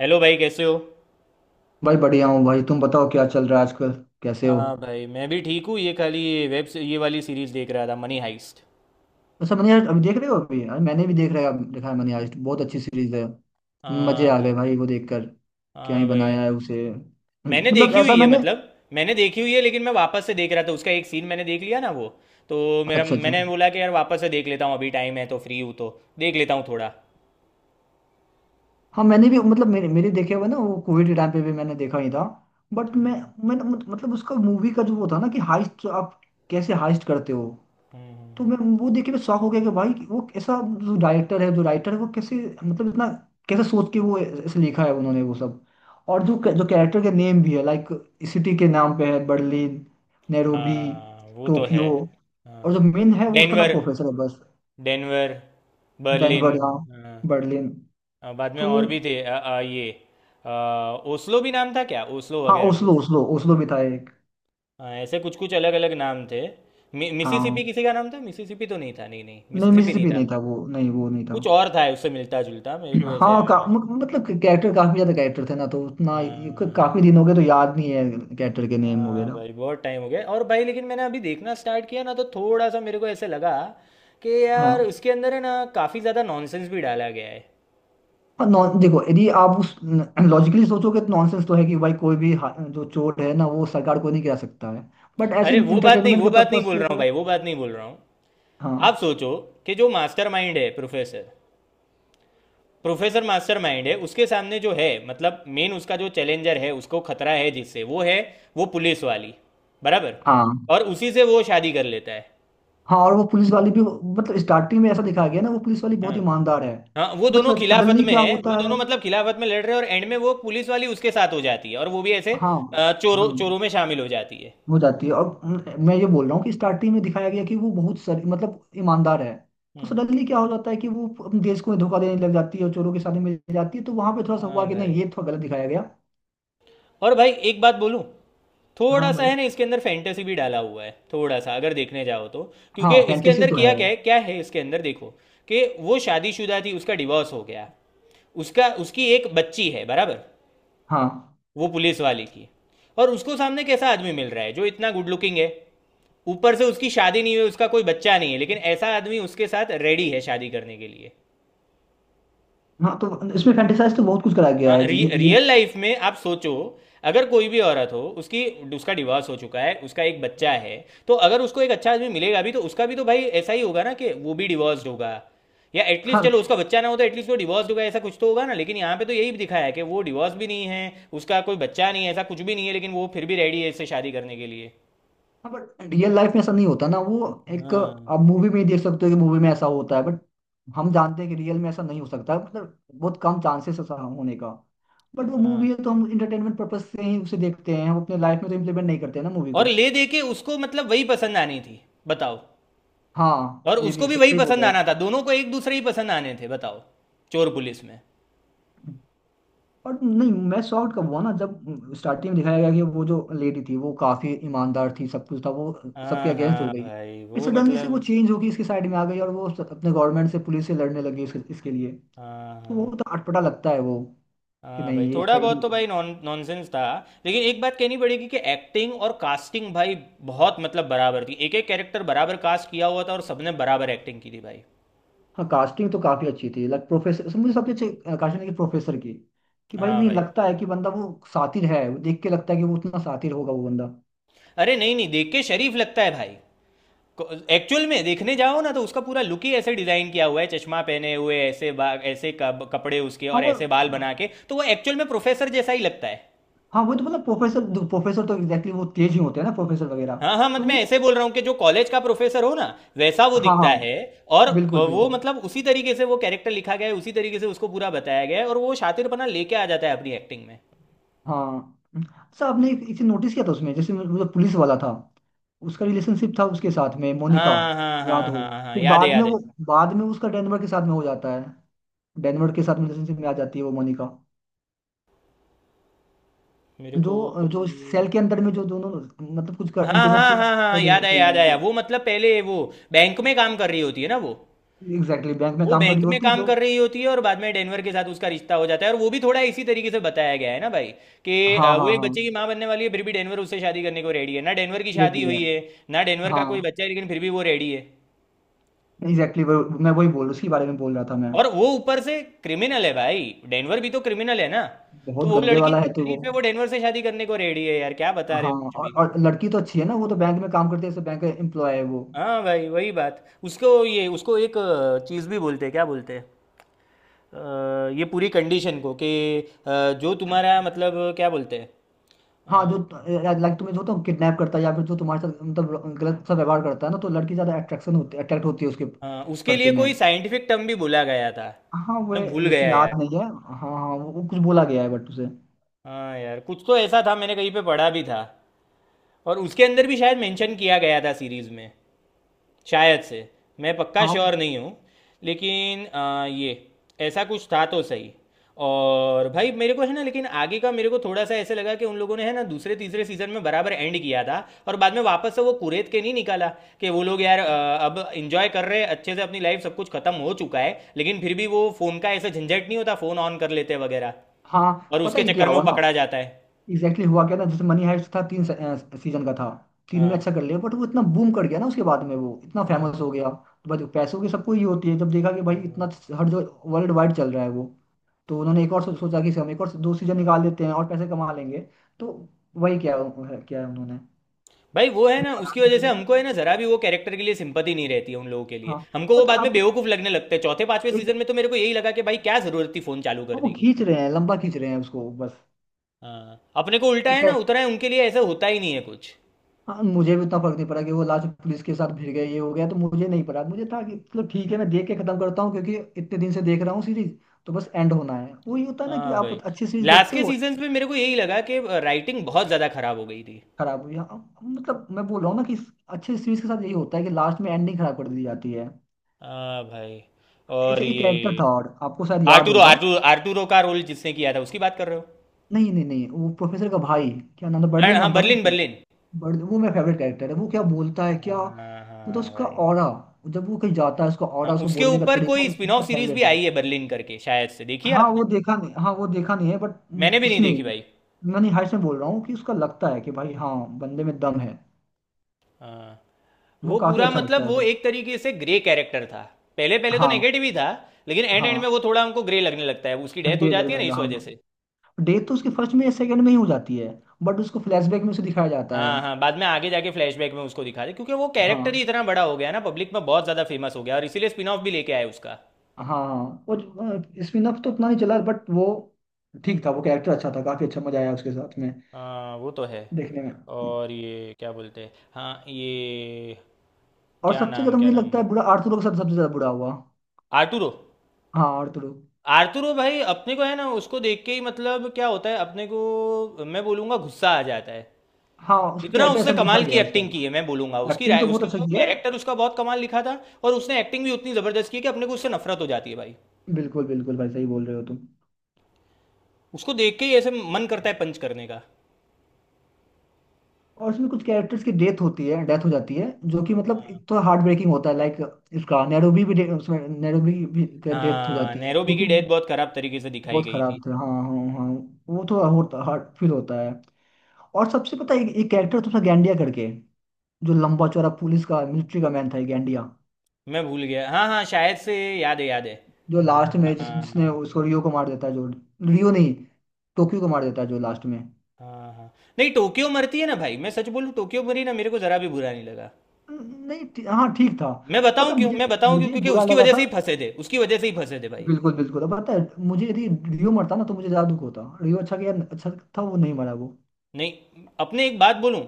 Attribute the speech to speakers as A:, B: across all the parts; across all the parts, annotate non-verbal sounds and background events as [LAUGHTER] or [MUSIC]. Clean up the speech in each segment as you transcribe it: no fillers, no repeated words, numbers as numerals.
A: Hello भाई, कैसे हो।
B: भाई बढ़िया हूँ भाई। तुम बताओ क्या चल रहा है आजकल, कैसे हो?
A: हाँ भाई, मैं भी ठीक हूँ। ये खाली वेब से ये वाली सीरीज देख रहा था, मनी हाइस्ट।
B: अच्छा मैंने यार, अभी देख रहे हो? अभी यार मैंने भी देखा है मैंने। आज बहुत अच्छी सीरीज है। मजे
A: हाँ
B: आ गए
A: भाई।
B: भाई वो देखकर। क्या ही
A: हाँ भाई,
B: बनाया है उसे!
A: मैंने
B: मतलब
A: देखी
B: ऐसा
A: हुई है
B: मैंने।
A: मतलब मैंने देखी हुई है, लेकिन मैं वापस से देख रहा था। उसका एक सीन मैंने देख लिया ना वो, तो मेरा
B: अच्छा अच्छा।
A: मैंने बोला कि यार वापस से देख लेता हूँ, अभी टाइम है तो, फ्री हूँ तो देख लेता हूँ थोड़ा।
B: हाँ मैंने भी, मतलब मेरे मेरे देखे हुए ना वो, कोविड के टाइम पे भी मैंने देखा ही था। बट मैं, मैंने मत- मतलब उसका मूवी का जो वो था ना कि हाइस्ट आप कैसे हाइस्ट करते हो।
A: हम्म,
B: तो
A: हम्म,
B: मैं वो देख के मैं शॉक हो गया कि भाई कि वो ऐसा, जो राइटर है वो कैसे, मतलब इतना कैसे सोच के वो ऐसे लिखा है उन्होंने वो सब। और जो जो कैरेक्टर के नेम भी है लाइक, सिटी के नाम पे है बर्लिन, नैरोबी,
A: हाँ, वो तो है।
B: टोक्यो।
A: हाँ,
B: और जो मेन है वो उसका नाम
A: डेनवर।
B: प्रोफेसर है बस।
A: डेनवर। बर्लिन।
B: डेनवर हाँ।
A: हाँ।
B: बर्लिन।
A: हाँ, बाद में
B: तो
A: और भी थे। ये अ, ओस्लो भी नाम था क्या, ओस्लो
B: हाँ,
A: वगैरह
B: ओस्लो,
A: कुछ।
B: ओस्लो भी था एक।
A: हाँ, ऐसे कुछ कुछ अलग अलग नाम थे।
B: हाँ
A: मिसिसिपी किसी का नाम था। मिसिसिपी तो नहीं था, नहीं नहीं,
B: नहीं,
A: मिसिसिपी नहीं
B: मिसिसिपी
A: था।
B: नहीं था। वो नहीं था।
A: कुछ और था उससे मिलता जुलता, मेरे को
B: [CLEARS THROAT]
A: ऐसे
B: हाँ
A: याद
B: का,
A: आ गया।
B: मतलब कैरेक्टर, काफी ज्यादा कैरेक्टर थे ना तो उतना
A: हाँ हाँ।
B: काफी दिन हो गए तो याद नहीं है कैरेक्टर के नेम
A: हाँ
B: वगैरह।
A: भाई, बहुत टाइम हो गया। और भाई लेकिन मैंने अभी देखना स्टार्ट किया ना, तो थोड़ा सा मेरे को ऐसे लगा कि यार
B: हाँ।
A: उसके अंदर है ना, काफ़ी ज़्यादा नॉनसेंस भी डाला गया है।
B: और नॉन देखो, यदि आप उस लॉजिकली सोचोगे तो नॉनसेंस तो है कि भाई कोई भी जो चोर है ना वो सरकार को नहीं गिरा सकता है। बट ऐसे
A: अरे वो बात नहीं,
B: इंटरटेनमेंट
A: वो
B: के
A: बात नहीं
B: पर्पज
A: बोल
B: से
A: रहा हूँ
B: वो-।
A: भाई, वो बात नहीं बोल रहा हूँ। आप
B: हाँ।
A: सोचो कि जो मास्टरमाइंड है प्रोफेसर, प्रोफेसर मास्टरमाइंड है, उसके सामने जो है मतलब मेन, उसका जो चैलेंजर है, उसको खतरा है जिससे, वो है वो पुलिस वाली। बराबर।
B: हाँ।
A: और उसी से वो शादी कर लेता है।
B: हाँ। और वो पुलिस वाली भी, मतलब स्टार्टिंग में ऐसा दिखाया गया ना वो पुलिस वाली
A: हाँ
B: बहुत ईमानदार है।
A: हाँ, वो
B: बट
A: दोनों खिलाफत
B: सडनली
A: में
B: क्या
A: है, वो
B: होता है?
A: दोनों मतलब खिलाफत में लड़ रहे हैं, और एंड में वो पुलिस वाली उसके साथ हो जाती है, और वो भी ऐसे
B: हाँ।
A: चोरों
B: हाँ।
A: चोरों में शामिल हो जाती है।
B: हो जाती है। और मैं ये बोल रहा हूँ कि स्टार्टिंग में दिखाया गया कि वो बहुत सर मतलब ईमानदार है। तो
A: हम्म,
B: सडनली क्या हो जाता है कि वो अपने देश को धोखा देने लग जाती है और चोरों के साथ मिल जाती है। तो वहां पे थोड़ा सा
A: हाँ
B: हुआ कि नहीं
A: भाई।
B: ये थोड़ा गलत दिखाया गया।
A: और भाई एक बात बोलूं,
B: हाँ
A: थोड़ा सा
B: भाई।
A: है ना इसके अंदर फैंटेसी भी डाला हुआ है थोड़ा सा, अगर देखने जाओ तो।
B: हाँ
A: क्योंकि इसके
B: फैंटेसी
A: अंदर
B: तो
A: किया
B: है।
A: क्या है, क्या है इसके अंदर देखो, कि वो शादीशुदा थी, उसका डिवोर्स हो गया, उसका उसकी एक बच्ची है। बराबर।
B: हाँ।
A: वो पुलिस वाले की। और उसको सामने कैसा आदमी मिल रहा है, जो इतना गुड लुकिंग है, ऊपर से उसकी शादी नहीं हुई, उसका कोई बच्चा नहीं है, लेकिन ऐसा आदमी उसके साथ रेडी है शादी करने के लिए।
B: हाँ, तो इसमें फैंटेसाइज तो बहुत कुछ कराया गया
A: हाँ,
B: है जी, ये ये-।
A: रियल लाइफ में आप सोचो, अगर कोई भी औरत हो, उसकी उसका डिवोर्स हो चुका है, उसका एक बच्चा है, तो अगर उसको एक अच्छा आदमी मिलेगा भी, तो उसका भी तो भाई ऐसा ही होगा ना, कि वो भी डिवोर्स्ड होगा, या एटलीस्ट
B: हाँ।
A: चलो उसका बच्चा ना हो तो एटलीस्ट वो डिवोर्स्ड होगा, ऐसा कुछ तो होगा ना। लेकिन यहाँ पे तो यही दिखाया है कि वो डिवोर्स भी नहीं है, उसका कोई बच्चा नहीं है, ऐसा कुछ भी नहीं है, लेकिन वो फिर भी रेडी है इससे शादी करने के लिए।
B: हाँ, बट रियल लाइफ में ऐसा नहीं होता ना वो। एक
A: हाँ
B: आप मूवी में ही देख सकते हो कि मूवी में ऐसा होता है। बट हम जानते हैं कि रियल में ऐसा नहीं हो सकता, मतलब बहुत कम चांसेस ऐसा होने का। बट वो
A: हाँ।
B: मूवी है तो हम इंटरटेनमेंट पर्पज से ही उसे देखते हैं। हम अपने लाइफ में तो इम्प्लीमेंट नहीं करते हैं ना मूवी
A: और
B: को।
A: ले दे के उसको मतलब वही पसंद आनी थी, बताओ।
B: हाँ
A: और
B: ये
A: उसको
B: भी
A: भी
B: सही
A: वही
B: सही बोल
A: पसंद
B: रहे हो
A: आना
B: आप।
A: था, दोनों को एक दूसरे ही पसंद आने थे, बताओ। चोर पुलिस में।
B: और नहीं मैं शॉर्ट कब हुआ ना, जब स्टार्टिंग में दिखाया गया कि वो जो लेडी थी वो काफी ईमानदार थी, सब कुछ था वो। सबके
A: हाँ,
B: अगेंस्ट हो
A: हाँ
B: गई।
A: भाई, वो
B: सडनली से वो
A: मतलब।
B: चेंज होगी, इसके साइड में आ गई और वो अपने गवर्नमेंट से, पुलिस से लड़ने लगी इसके लिए।
A: हाँ
B: तो
A: हाँ।
B: वो तो अटपटा लगता है वो, कि
A: हाँ भाई,
B: नहीं ये
A: थोड़ा
B: सही
A: बहुत
B: नहीं
A: तो
B: था।
A: भाई नॉनसेंस था। लेकिन एक बात कहनी पड़ेगी कि एक्टिंग और कास्टिंग भाई बहुत मतलब बराबर थी। एक एक कैरेक्टर बराबर कास्ट किया हुआ था, और सबने बराबर एक्टिंग की थी भाई।
B: हाँ कास्टिंग तो काफी अच्छी थी, लाइक प्रोफेसर मुझे सबसे अच्छी कास्टिंग लगी प्रोफेसर की। कि भाई
A: हाँ
B: नहीं
A: भाई।
B: लगता है कि बंदा वो सातिर है। वो देख के लगता है कि वो उतना सातिर होगा वो बंदा।
A: अरे नहीं नहीं, देख के शरीफ लगता है भाई। एक्चुअल में देखने जाओ ना, तो उसका पूरा लुक ही ऐसे डिजाइन किया हुआ है, चश्मा पहने हुए ऐसे ऐसे कपड़े उसके,
B: हाँ
A: और
B: वो।
A: ऐसे बाल
B: हाँ।
A: बना के, तो वो एक्चुअल में प्रोफेसर जैसा ही लगता है।
B: हाँ, वो तो मतलब प्रोफेसर, प्रोफेसर तो एग्जैक्टली वो तेज ही होते हैं ना प्रोफेसर वगैरह।
A: हाँ हाँ,
B: तो
A: मतलब मैं
B: वो।
A: ऐसे बोल रहा हूँ कि जो कॉलेज का प्रोफेसर हो ना, वैसा वो
B: हाँ
A: दिखता
B: हाँ।
A: है। और
B: बिल्कुल
A: वो
B: बिल्कुल।
A: मतलब उसी तरीके से वो कैरेक्टर लिखा गया है, उसी तरीके से उसको पूरा बताया गया है, और वो शातिरपना लेके आ जाता है अपनी एक्टिंग में।
B: हाँ अच्छा आपने एक एक चीज नोटिस किया था उसमें, जैसे मतलब पुलिस वाला था, उसका रिलेशनशिप था उसके साथ में, मोनिका।
A: हाँ हाँ
B: याद
A: हाँ
B: हो?
A: हाँ हाँ,
B: फिर
A: याद है
B: बाद में
A: याद है।
B: वो, बाद में उसका डेनवर के साथ में हो जाता है। डेनवर के साथ रिलेशनशिप में आ जाती है वो मोनिका।
A: मेरे को
B: जो जो सेल के अंदर में जो दोनों मतलब कुछ
A: हाँ
B: कर इंटीमेट
A: हाँ
B: सीन
A: हाँ हाँ
B: कर
A: हाँ,
B: रहे
A: याद आया
B: होते
A: याद
B: हैं।
A: आया। वो मतलब पहले वो बैंक में काम कर रही होती है ना वो।
B: एग्जैक्टली बैंक में
A: वो
B: काम कर रही
A: बैंक में
B: होती है
A: काम
B: जो।
A: कर रही होती है, और बाद में डेनवर के साथ उसका रिश्ता हो जाता है, और वो भी थोड़ा इसी तरीके से बताया गया है ना भाई, कि
B: हाँ
A: वो
B: हाँ
A: एक
B: हाँ।
A: बच्चे की माँ बनने वाली है, फिर भी डेनवर उससे शादी करने को रेडी है। ना डेनवर की शादी
B: लेडी है।
A: हुई है, ना डेनवर का
B: हाँ।
A: कोई बच्चा है, लेकिन फिर भी वो रेडी है।
B: एग्जैक्टली exactly, मैं वही बोल, उसके बारे में बोल रहा था मैं।
A: और वो ऊपर से क्रिमिनल है भाई, डेनवर भी तो क्रिमिनल है ना। तो
B: बहुत
A: वो
B: गंदे
A: लड़की
B: वाला
A: इतनी
B: है तो वो।
A: शरीफ है, वो डेनवर से शादी करने को रेडी है, यार क्या बता रहे
B: हाँ।
A: हो कुछ
B: और,
A: भी।
B: और लड़की तो अच्छी है ना, वो तो बैंक में काम करती है, बैंक एम्प्लॉय है वो।
A: हाँ भाई वही बात। उसको एक चीज़ भी बोलते हैं, क्या बोलते हैं। ये पूरी कंडीशन को कि जो तुम्हारा मतलब, क्या बोलते हैं।
B: हाँ
A: हाँ।
B: जो, लाइक तुम्हें जो तो किडनैप करता है या फिर जो तुम्हारे साथ मतलब गलत सा व्यवहार करता है ना, तो लड़की ज्यादा अट्रैक्शन होती अट्रैक्ट होती है उसके
A: हाँ, उसके
B: प्रति
A: लिए
B: में।
A: कोई साइंटिफिक टर्म भी बोला गया था।
B: हाँ वो
A: मैं भूल
B: ऐसे
A: गया यार।
B: याद नहीं है। हाँ हाँ, वो कुछ बोला गया है बट उसे।
A: हाँ यार, कुछ तो ऐसा था, मैंने कहीं पे पढ़ा भी था, और उसके अंदर भी शायद मेंशन किया गया था सीरीज में, शायद से। मैं पक्का
B: हाँ।
A: श्योर नहीं हूँ, लेकिन ये ऐसा कुछ था तो सही। और भाई मेरे को है ना, लेकिन आगे का मेरे को थोड़ा सा ऐसे लगा कि उन लोगों ने है ना दूसरे तीसरे सीजन में बराबर एंड किया था, और बाद में वापस से वो कुरेद के नहीं निकाला। कि वो लोग यार अब इंजॉय कर रहे हैं अच्छे से अपनी लाइफ, सब कुछ खत्म हो चुका है, लेकिन फिर भी वो फोन का ऐसा झंझट नहीं होता, फोन ऑन कर लेते हैं वगैरह,
B: हाँ
A: और
B: पता
A: उसके
B: है क्या
A: चक्कर में वो
B: हुआ ना।
A: पकड़ा जाता है।
B: एग्जैक्टली हुआ क्या था जैसे, मनी हाइस्ट था तीन सीजन का था। तीन में
A: हाँ
B: अच्छा कर लिया। बट वो इतना बूम कर गया ना, उसके बाद में वो इतना
A: हाँ।
B: फेमस हो गया तो भाई पैसों की सबको ही होती है। जब देखा कि भाई
A: हाँ
B: इतना हर जो वर्ल्ड वाइड चल रहा है वो, तो उन्होंने एक और सोचा कि इसे हम एक और दो सीजन निकाल देते हैं और पैसे कमा लेंगे। तो वही क्या, क्या है उन्होंने,
A: भाई, वो है ना उसकी
B: बढ़ाने
A: वजह
B: के
A: से
B: लिए।
A: हमको है ना जरा भी वो कैरेक्टर के लिए सिंपति नहीं रहती है। उन लोगों के लिए
B: हाँ
A: हमको वो
B: पता
A: बाद में
B: आप।
A: बेवकूफ लगने लगते हैं, चौथे पांचवे
B: एक।
A: सीजन में। तो मेरे को यही लगा कि भाई क्या जरूरत थी फोन चालू
B: हाँ, वो
A: करने की।
B: खींच रहे हैं, लंबा खींच रहे हैं उसको बस।
A: हाँ, अपने को उल्टा है ना, उतना है उनके लिए ऐसा होता ही नहीं है कुछ।
B: हाँ मुझे भी उतना फर्क नहीं पड़ा कि वो लास्ट पुलिस के साथ भिड़ गए ये हो गया, तो मुझे नहीं पड़ा। मुझे था कि चलो ठीक है मैं देख के खत्म करता हूँ, क्योंकि इतने दिन से देख रहा हूँ सीरीज। तो बस एंड होना है, वही होता है ना कि
A: हाँ
B: आप
A: भाई,
B: अच्छी सीरीज
A: लास्ट
B: देखते
A: के
B: हो।
A: सीजन्स में मेरे को यही लगा कि राइटिंग बहुत ज़्यादा खराब हो गई थी।
B: खराब हुई हाँ, मतलब मैं बोल रहा हूँ ना कि अच्छे सीरीज के साथ यही होता है कि लास्ट में एंडिंग खराब कर दी जाती है।
A: हाँ भाई। और
B: अच्छा एक कैरेक्टर
A: ये,
B: था और आपको शायद याद होगा।
A: आर्टूरो का रोल जिसने किया था उसकी बात कर रहे हो।
B: नहीं नहीं नहीं, वो प्रोफेसर का भाई, क्या नाम था,
A: हाँ
B: बर्लिन
A: हाँ,
B: नाम था ना
A: बर्लिन
B: उसका।
A: बर्लिन।
B: बर्लिन वो मेरा फेवरेट कैरेक्टर है। वो क्या बोलता है, क्या
A: हाँ
B: मतलब
A: हाँ
B: उसका
A: भाई।
B: ऑरा, जब वो कहीं जाता है उसका
A: हाँ,
B: ऑरा, उसको
A: उसके
B: बोलने का
A: ऊपर
B: तरीका
A: कोई स्पिन
B: मेरा
A: ऑफ सीरीज भी
B: फेवरेट है।
A: आई है बर्लिन करके, शायद से। देखी है
B: हाँ
A: आपने।
B: वो देखा नहीं, हाँ वो देखा नहीं है।
A: मैंने
B: बट
A: भी नहीं
B: उसमें
A: देखी भाई।
B: मैंने हाइट में बोल रहा हूँ कि उसका लगता है कि भाई हाँ बंदे में दम है।
A: हाँ,
B: वो
A: वो
B: काफी
A: पूरा
B: अच्छा लगता
A: मतलब
B: है
A: वो
B: उसे।
A: एक तरीके से ग्रे कैरेक्टर था। पहले पहले तो
B: हाँ
A: नेगेटिव ही था, लेकिन एंड एंड
B: हाँ।
A: में वो थोड़ा हमको ग्रे लगने लगता है, उसकी डेथ हो
B: ग्रेट
A: जाती
B: लगने
A: है ना
B: लगा
A: इस वजह
B: हाँ।
A: से।
B: डेथ तो उसके फर्स्ट में या सेकंड में ही हो जाती है। बट उसको फ्लैशबैक में उसे दिखाया जाता है।
A: हाँ हाँ, बाद में आगे जाके फ्लैशबैक में उसको दिखाते, क्योंकि वो कैरेक्टर ही
B: हाँ
A: इतना बड़ा हो गया ना, पब्लिक में बहुत ज़्यादा फेमस हो गया, और इसीलिए स्पिन ऑफ भी लेके आए उसका।
B: हाँ हाँ। और स्पिन अप तो उतना नहीं चला बट वो ठीक था। वो कैरेक्टर अच्छा था, काफी अच्छा मजा आया उसके साथ में
A: हाँ, वो तो है।
B: देखने में।
A: और ये क्या बोलते हैं, हाँ ये,
B: और
A: क्या
B: सबसे
A: नाम,
B: ज्यादा
A: क्या
B: मुझे
A: नाम।
B: लगता है बुरा आर्थुरो के साथ सबसे ज्यादा बुरा हुआ।
A: आर्टुरो।
B: हाँ आर्थुरो।
A: आर्तुरो भाई, अपने को है ना उसको देख के ही मतलब क्या होता है अपने को, मैं बोलूंगा गुस्सा आ जाता है।
B: हाँ उसका
A: इतना
B: कैरेक्टर
A: उसने
B: ऐसा लिखा
A: कमाल की
B: गया
A: एक्टिंग की है,
B: उसका।
A: मैं बोलूंगा उसकी
B: एक्टिंग
A: राय,
B: तो बहुत
A: उसका
B: अच्छा
A: वो
B: किया है।
A: कैरेक्टर, उसका बहुत कमाल लिखा था। और उसने एक्टिंग भी उतनी जबरदस्त की है कि अपने को उससे नफरत हो जाती है भाई।
B: बिल्कुल बिल्कुल भाई सही बोल रहे हो तुम।
A: उसको देख के ही ऐसे मन करता है पंच करने का।
B: और इसमें कुछ कैरेक्टर्स की डेथ होती है, डेथ हो जाती है, जो कि मतलब
A: हाँ।
B: एक तो हार्ट ब्रेकिंग होता है लाइक, इसका नैरोबी भी उसमें नैरोबी भी डेथ हो
A: हाँ,
B: जाती है,
A: नैरोबी
B: जो
A: की
B: कि
A: डेथ बहुत खराब तरीके से दिखाई
B: बहुत
A: गई
B: खराब
A: थी।
B: था। हाँ हाँ हाँ। वो थोड़ा होता हार्ट फील होता है। और सबसे पता है एक कैरेक्टर था उसमें, गैंडिया करके, जो लंबा चौड़ा पुलिस का मिलिट्री का मैन था ये गैंडिया,
A: मैं भूल गया। हाँ हाँ, शायद से। याद है याद है।
B: जो लास्ट में जिस,
A: हाँ
B: जिसने उसको रियो को मार देता है। जो रियो नहीं, टोक्यो को मार देता है जो लास्ट में।
A: हाँ हाँ। नहीं, टोक्यो मरती है ना भाई, मैं सच बोलूँ टोक्यो मरी ना, मेरे को जरा भी बुरा नहीं लगा।
B: नहीं हाँ ठीक था।
A: मैं
B: पता
A: बताऊं
B: है,
A: क्यों,
B: मुझे,
A: मैं बताऊं क्यों,
B: मुझे
A: क्योंकि
B: बुरा
A: उसकी
B: लगा
A: वजह
B: था।
A: से ही फंसे थे, उसकी वजह से ही फंसे थे भाई।
B: बिल्कुल बिल्कुल। अब पता है मुझे, यदि रियो मरता ना तो मुझे ज्यादा दुख होता। रियो अच्छा किया, अच्छा था वो नहीं मरा वो।
A: नहीं अपने एक बात बोलूं,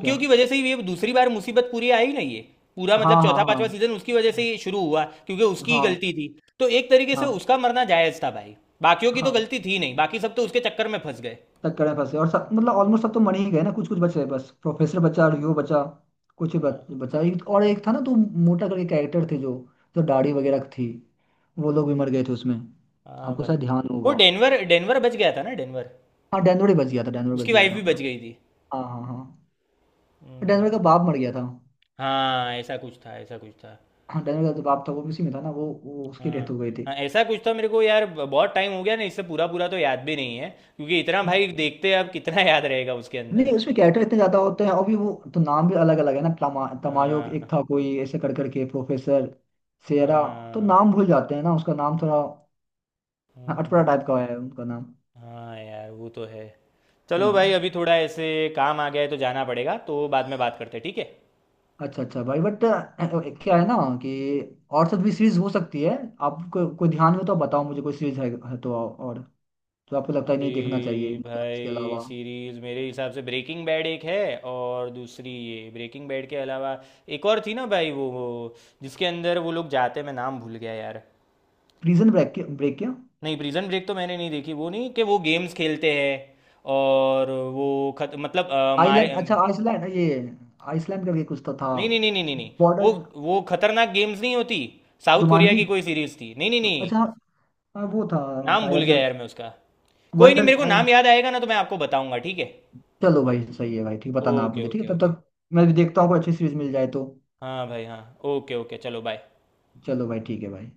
B: क्या।
A: की वजह से ही ये दूसरी बार मुसीबत पूरी आई ना ये, पूरा मतलब
B: हाँ हाँ
A: चौथा
B: हाँ।
A: पांचवा सीजन उसकी वजह से ही शुरू हुआ, क्योंकि उसकी ही
B: हाँ
A: गलती थी। तो एक तरीके से
B: हाँ
A: उसका मरना जायज था भाई। बाकियों की तो
B: हाँ।
A: गलती थी नहीं, बाकी सब तो उसके चक्कर में फंस गए।
B: टक्कर में फंसे और सब मतलब ऑलमोस्ट सब तो मर ही गए ना, कुछ कुछ बचे, बस प्रोफेसर बचा, रियो बचा, कुछ ही बच,
A: हाँ
B: बचा और एक था ना तो, मोटा करके कैरेक्टर थे जो, जो दाढ़ी वगैरह थी, वो लोग भी मर गए थे उसमें।
A: हाँ
B: आपको
A: भाई,
B: शायद ध्यान
A: वो
B: होगा।
A: डेनवर, डेनवर बच गया था ना, डेनवर।
B: हाँ डैनोरे बच गया था, डैनोरे बच
A: उसकी
B: गया
A: वाइफ
B: था।
A: भी बच गई थी।
B: हाँ हाँ हाँ।
A: हम्म,
B: डेनवर का बाप मर गया था।
A: हाँ ऐसा कुछ था, ऐसा कुछ था।
B: हाँ डेनवर का जो बाप था वो भी उसी में था ना, वो उसकी डेथ
A: हाँ,
B: हो गई थी।
A: हाँ ऐसा कुछ था, मेरे को यार बहुत टाइम हो गया ना इससे, पूरा पूरा तो याद भी नहीं है। क्योंकि इतना भाई, देखते हैं अब कितना याद रहेगा उसके अंदर।
B: नहीं उसमें कैरेक्टर इतने ज्यादा होते हैं और भी, वो तो नाम भी अलग अलग है ना, तमायो एक
A: हाँ
B: था कोई, ऐसे कर करके प्रोफेसर सेरा। तो
A: हाँ।
B: नाम भूल जाते हैं ना, उसका नाम थोड़ा हाँ, अटपटा
A: हम्म,
B: टाइप का है उनका नाम।
A: हाँ यार वो तो है। चलो भाई,
B: हम्म।
A: अभी थोड़ा ऐसे काम आ गया है तो जाना पड़ेगा, तो बाद में बात करते हैं ठीक है।
B: अच्छा अच्छा भाई, बट क्या है ना, कि और सब भी सीरीज हो सकती है। आपको कोई ध्यान में, तो आप बताओ मुझे, कोई सीरीज है तो और, जो आपको लगता है
A: अभी
B: नहीं देखना चाहिए। इसके
A: भाई
B: अलावा।
A: सीरीज मेरे हिसाब से ब्रेकिंग बैड एक है। और दूसरी ये, ब्रेकिंग बैड के अलावा एक और थी ना भाई, वो जिसके अंदर वो लोग जाते, मैं नाम भूल गया यार।
B: प्रिजन ब्रेक, ब्रेक क्या।
A: नहीं प्रिजन ब्रेक तो मैंने नहीं देखी, वो नहीं, कि वो गेम्स खेलते हैं, और वो खत मतलब मारे।
B: आइलैंड, अच्छा आइसलैंड, ये आइसलैंड करके कुछ तो था।
A: नहीं नहीं नहीं नहीं नहीं नहीं, वो
B: बॉर्डर।
A: वो खतरनाक गेम्स नहीं होती। South Korea
B: Jumanji.
A: की कोई सीरीज थी। नहीं नहीं नहीं।
B: अच्छा हाँ, हाँ, वो था
A: नाम भूल
B: शायद।
A: गया यार मैं उसका। कोई नहीं,
B: वंडर।
A: मेरे को नाम याद आएगा ना तो मैं आपको बताऊंगा ठीक है।
B: चलो भाई सही है भाई, ठीक बताना आप
A: ओके
B: मुझे ठीक
A: ओके
B: है, तब
A: ओके।
B: तक मैं भी देखता हूँ कोई अच्छी सीरीज मिल जाए तो।
A: हाँ भाई हाँ। ओके ओके, चलो बाय।
B: चलो भाई ठीक है भाई।